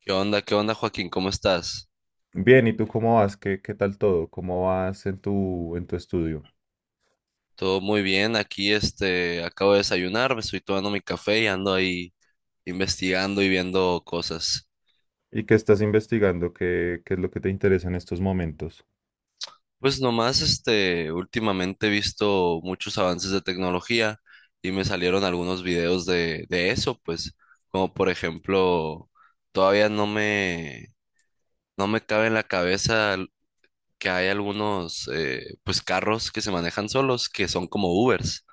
¿Qué onda? ¿Qué onda, Joaquín? ¿Cómo estás? Bien, ¿y tú cómo vas? ¿Qué tal todo? ¿Cómo vas en tu estudio? Todo muy bien. Aquí, acabo de desayunar, me estoy tomando mi café y ando ahí investigando y viendo cosas. ¿Y qué estás investigando? ¿Qué es lo que te interesa en estos momentos? Pues nomás, últimamente he visto muchos avances de tecnología y me salieron algunos videos de eso, pues, como por ejemplo, todavía no me, no me cabe en la cabeza que hay algunos, pues, carros que se manejan solos, que son como Ubers.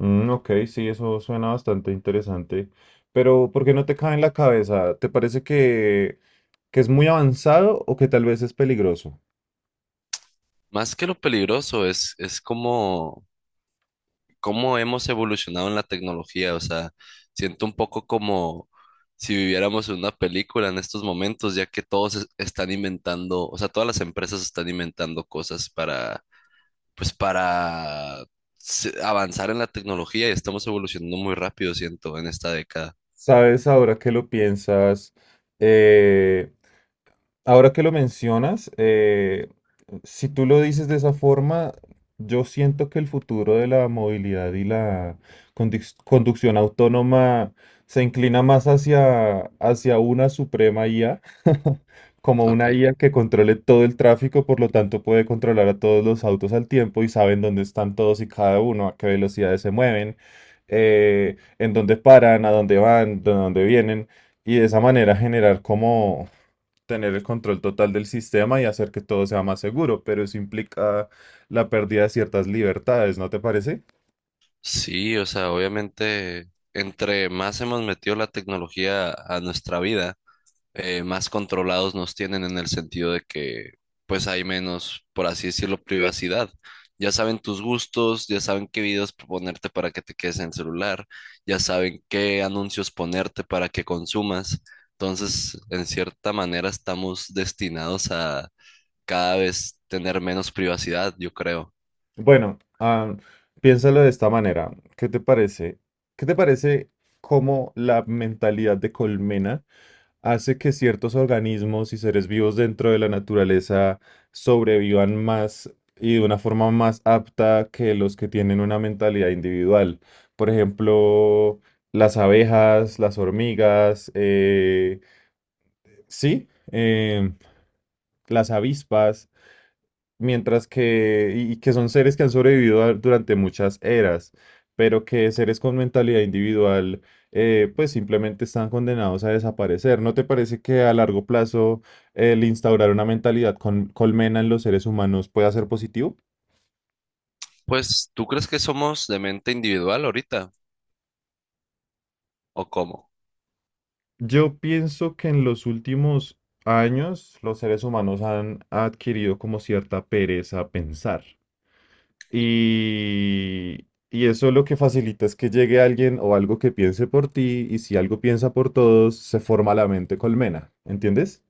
Mm, ok, sí, eso suena bastante interesante. Pero, ¿por qué no te cae en la cabeza? Que es muy avanzado o que tal vez es peligroso? Más que lo peligroso, es como cómo hemos evolucionado en la tecnología. O sea, siento un poco como si viviéramos en una película en estos momentos, ya que están inventando, o sea, todas las empresas están inventando cosas para, pues para avanzar en la tecnología y estamos evolucionando muy rápido, siento, en esta década. ¿Sabes ahora que lo piensas? eh, Ahora que lo mencionas, si tú lo dices de esa forma, yo siento que el futuro de la movilidad y la conducción autónoma se inclina más hacia una suprema IA, como una Okay. IA que controle todo el tráfico, por lo tanto puede controlar a todos los autos al tiempo y saben dónde están todos y cada uno, a qué velocidades se mueven, en dónde paran, a dónde van, de dónde vienen, y de esa manera generar como tener el control total del sistema y hacer que todo sea más seguro, pero eso implica la pérdida de ciertas libertades, ¿no te parece? Sí, o sea, obviamente, entre más hemos metido la tecnología a nuestra vida, más controlados nos tienen en el sentido de que pues hay menos, por así decirlo, privacidad. Ya saben tus gustos, ya saben qué videos ponerte para que te quedes en el celular, ya saben qué anuncios ponerte para que consumas. Entonces, en cierta manera, estamos destinados a cada vez tener menos privacidad, yo creo. Bueno, piénsalo de esta manera. ¿Qué te parece? ¿Qué te parece cómo la mentalidad de colmena hace que ciertos organismos y seres vivos dentro de la naturaleza sobrevivan más y de una forma más apta que los que tienen una mentalidad individual? Por ejemplo, las abejas, las hormigas, sí, eh, las avispas, mientras que que son seres que han sobrevivido durante muchas eras, pero que seres con mentalidad individual, pues simplemente están condenados a desaparecer. ¿No te parece que a largo plazo el instaurar una mentalidad con colmena en los seres humanos pueda ser positivo? Pues, ¿tú crees que somos de mente individual ahorita? ¿O cómo? Yo pienso que en los últimos años los seres humanos han adquirido como cierta pereza a pensar. Y eso lo que facilita es que llegue alguien o algo que piense por ti, y si algo piensa por todos, se forma la mente colmena, ¿entiendes?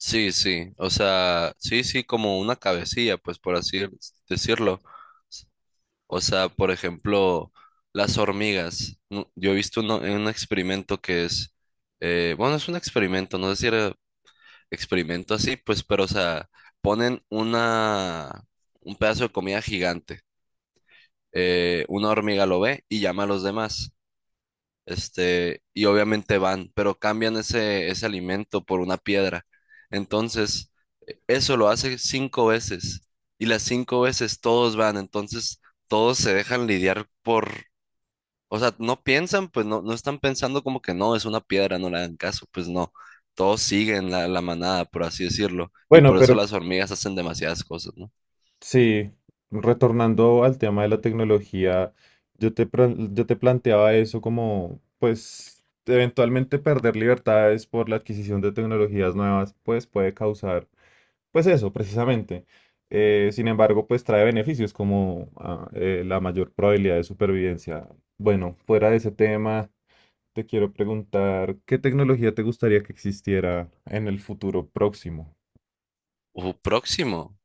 Sí, sí, o sea, sí, sí, como una cabecilla, pues por así decirlo. O sea, por ejemplo, las hormigas. Yo he visto un experimento que es, bueno, es un experimento, no sé si era experimento así, pues, pero, o sea, ponen una, un pedazo de comida gigante. Una hormiga lo ve y llama a los demás. Y obviamente van, pero cambian ese alimento por una piedra. Entonces, eso lo hace cinco veces. Y las cinco veces todos van, entonces todos se dejan lidiar por o sea, no piensan, pues no, no están pensando como que no, es una piedra, no le hagan caso, pues no. Todos siguen la manada, por así decirlo. Y Bueno, por eso pero las hormigas hacen demasiadas cosas, ¿no? sí, retornando al tema de la tecnología, yo te planteaba eso como, pues, eventualmente perder libertades por la adquisición de tecnologías nuevas, pues puede causar. Pues eso, precisamente. Sin embargo, pues trae beneficios como la mayor probabilidad de supervivencia. Bueno, fuera de ese tema, te quiero preguntar, ¿qué tecnología te gustaría que existiera en el futuro próximo? Próximo.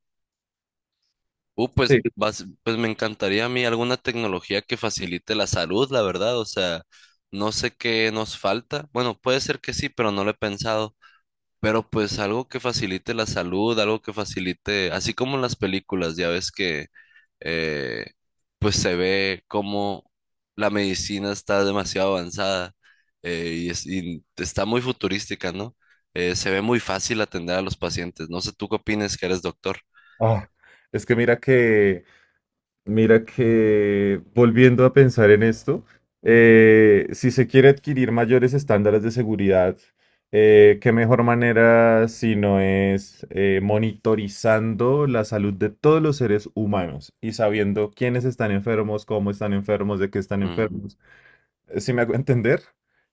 Pues, Sí. Pues me encantaría a mí alguna tecnología que facilite la salud, la verdad. O sea, no sé qué nos falta. Bueno, puede ser que sí, pero no lo he pensado. Pero pues algo que facilite la salud, algo que facilite, así como en las películas, ya ves que eh, pues se ve como la medicina está demasiado avanzada y está muy futurística, ¿no? Se ve muy fácil atender a los pacientes. No sé, ¿tú qué opinas que eres doctor? Ah, es que mira que mira que volviendo a pensar en esto, si se quiere adquirir mayores estándares de seguridad, ¿qué mejor manera si no es monitorizando la salud de todos los seres humanos y sabiendo quiénes están enfermos, cómo están enfermos, de qué están Mm, enfermos? Si me hago entender,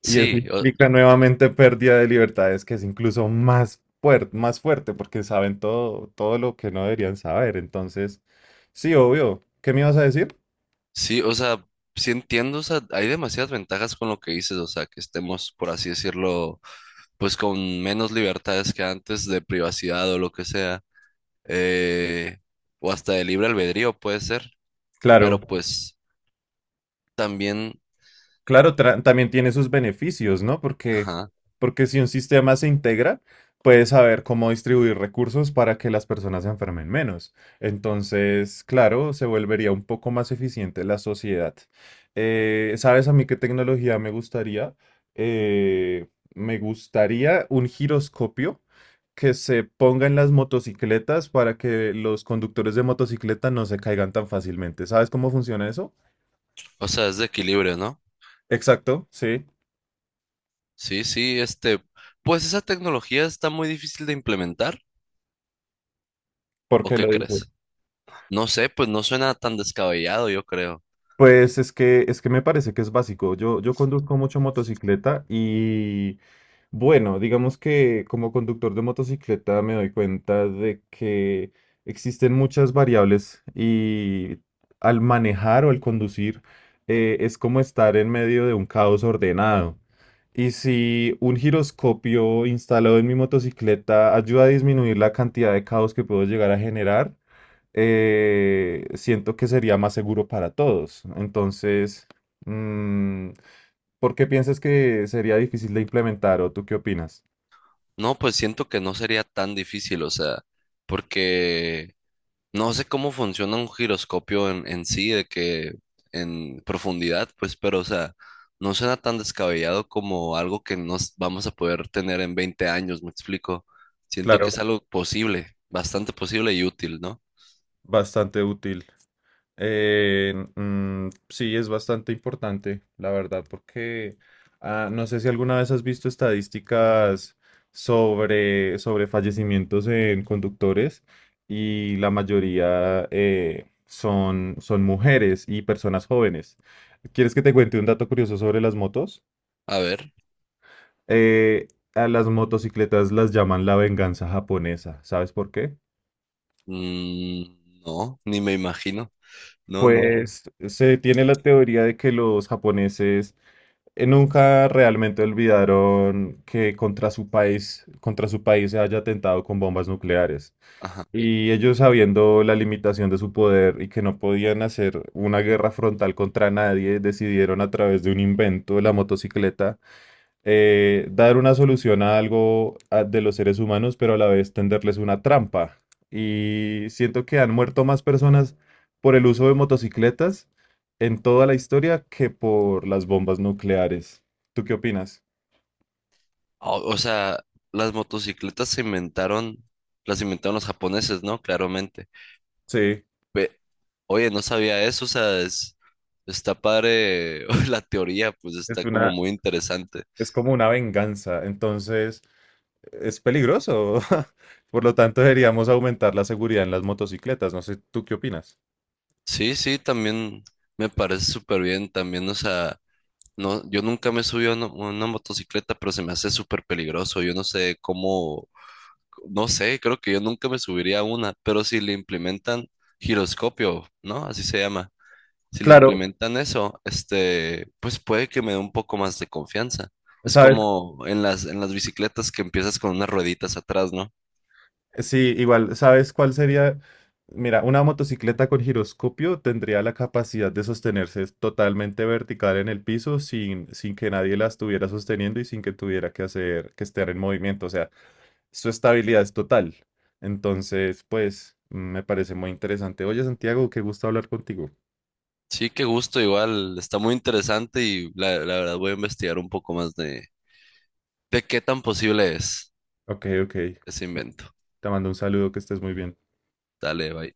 y eso sí, o, implica nuevamente pérdida de libertades, que es incluso más fuerte, porque saben todo, todo lo que no deberían saber. Entonces, sí, obvio. ¿Qué me ibas a decir? sí, o sea, sí entiendo, o sea, hay demasiadas ventajas con lo que dices, o sea, que estemos, por así decirlo, pues con menos libertades que antes de privacidad o lo que sea. eh, o hasta de libre albedrío puede ser, Claro. pero pues también, Claro, también tiene sus beneficios, ¿no? Porque, ajá, porque si un sistema se integra, puede saber cómo distribuir recursos para que las personas se enfermen menos. Entonces, claro, se volvería un poco más eficiente la sociedad. ¿Sabes a mí qué tecnología me gustaría? Eh, me gustaría un giroscopio que se ponga en las motocicletas para que los conductores de motocicleta no se caigan tan fácilmente. ¿Sabes cómo funciona eso? o sea, es de equilibrio, ¿no? Exacto, sí. Sí, sí, pues esa tecnología está muy difícil de implementar, ¿Por ¿o qué qué lo dices? crees? No sé, pues no suena tan descabellado, yo creo. Pues es que me parece que es básico. Yo conduzco mucho motocicleta y bueno, digamos que como conductor de motocicleta me doy cuenta de que existen muchas variables y al manejar o al conducir, es como estar en medio de un caos ordenado. Y si un giroscopio instalado en mi motocicleta ayuda a disminuir la cantidad de caos que puedo llegar a generar, siento que sería más seguro para todos. Entonces, mm, ¿por qué piensas que sería difícil de implementar o tú qué opinas? No, pues siento que no sería tan difícil, o sea, porque no sé cómo funciona un giroscopio en sí, de que en profundidad, pues, pero, o sea, no suena tan descabellado como algo que nos vamos a poder tener en 20 años, me explico. Siento que es Claro. algo posible, bastante posible y útil, ¿no? Bastante útil. Sí, es bastante importante, la verdad, porque no sé si alguna vez has visto estadísticas sobre fallecimientos en conductores y la mayoría son mujeres y personas jóvenes. ¿Quieres que te cuente un dato curioso sobre las motos? A ver, Eh, a las motocicletas las llaman la venganza japonesa. ¿Sabes por qué? mm, no, ni me imagino, no, no, Pues se tiene la teoría de que los japoneses nunca realmente olvidaron que contra su país se haya atentado con bombas nucleares. ajá. Y ellos sabiendo la limitación de su poder y que no podían hacer una guerra frontal contra nadie, decidieron a través de un invento, la motocicleta, dar una solución a de los seres humanos, pero a la vez tenderles una trampa. Y siento que han muerto más personas por el uso de motocicletas en toda la historia que por las bombas nucleares. ¿Tú qué opinas? O sea, las motocicletas se inventaron, las inventaron los japoneses, ¿no? Claramente. Sí, Ve, oye, no sabía eso, o sea, está padre la teoría, pues es está como una, muy interesante. es como una venganza, entonces es peligroso. Por lo tanto, deberíamos aumentar la seguridad en las motocicletas. No sé, ¿tú qué opinas? Sí, sí, también me parece súper bien, también, o sea, no, yo nunca me subí a una motocicleta, pero se me hace súper peligroso, yo no sé cómo, no sé, creo que yo nunca me subiría a una, pero si le implementan giroscopio, ¿no? Así se llama. Si le Claro, implementan eso, pues puede que me dé un poco más de confianza. Es ¿sabes? como en en las bicicletas que empiezas con unas rueditas atrás, ¿no? Sí, igual, ¿sabes cuál sería? Mira, una motocicleta con giroscopio tendría la capacidad de sostenerse totalmente vertical en el piso sin que nadie la estuviera sosteniendo y sin que tuviera que hacer que estar en movimiento. O sea, su estabilidad es total. Entonces, pues, mm, me parece muy interesante. Oye, Santiago, qué gusto hablar contigo. Sí, qué gusto, igual, está muy interesante y la verdad voy a investigar un poco más de qué tan posible es Ok, ok. ese invento. Te mando un saludo, que estés muy bien. Dale, bye.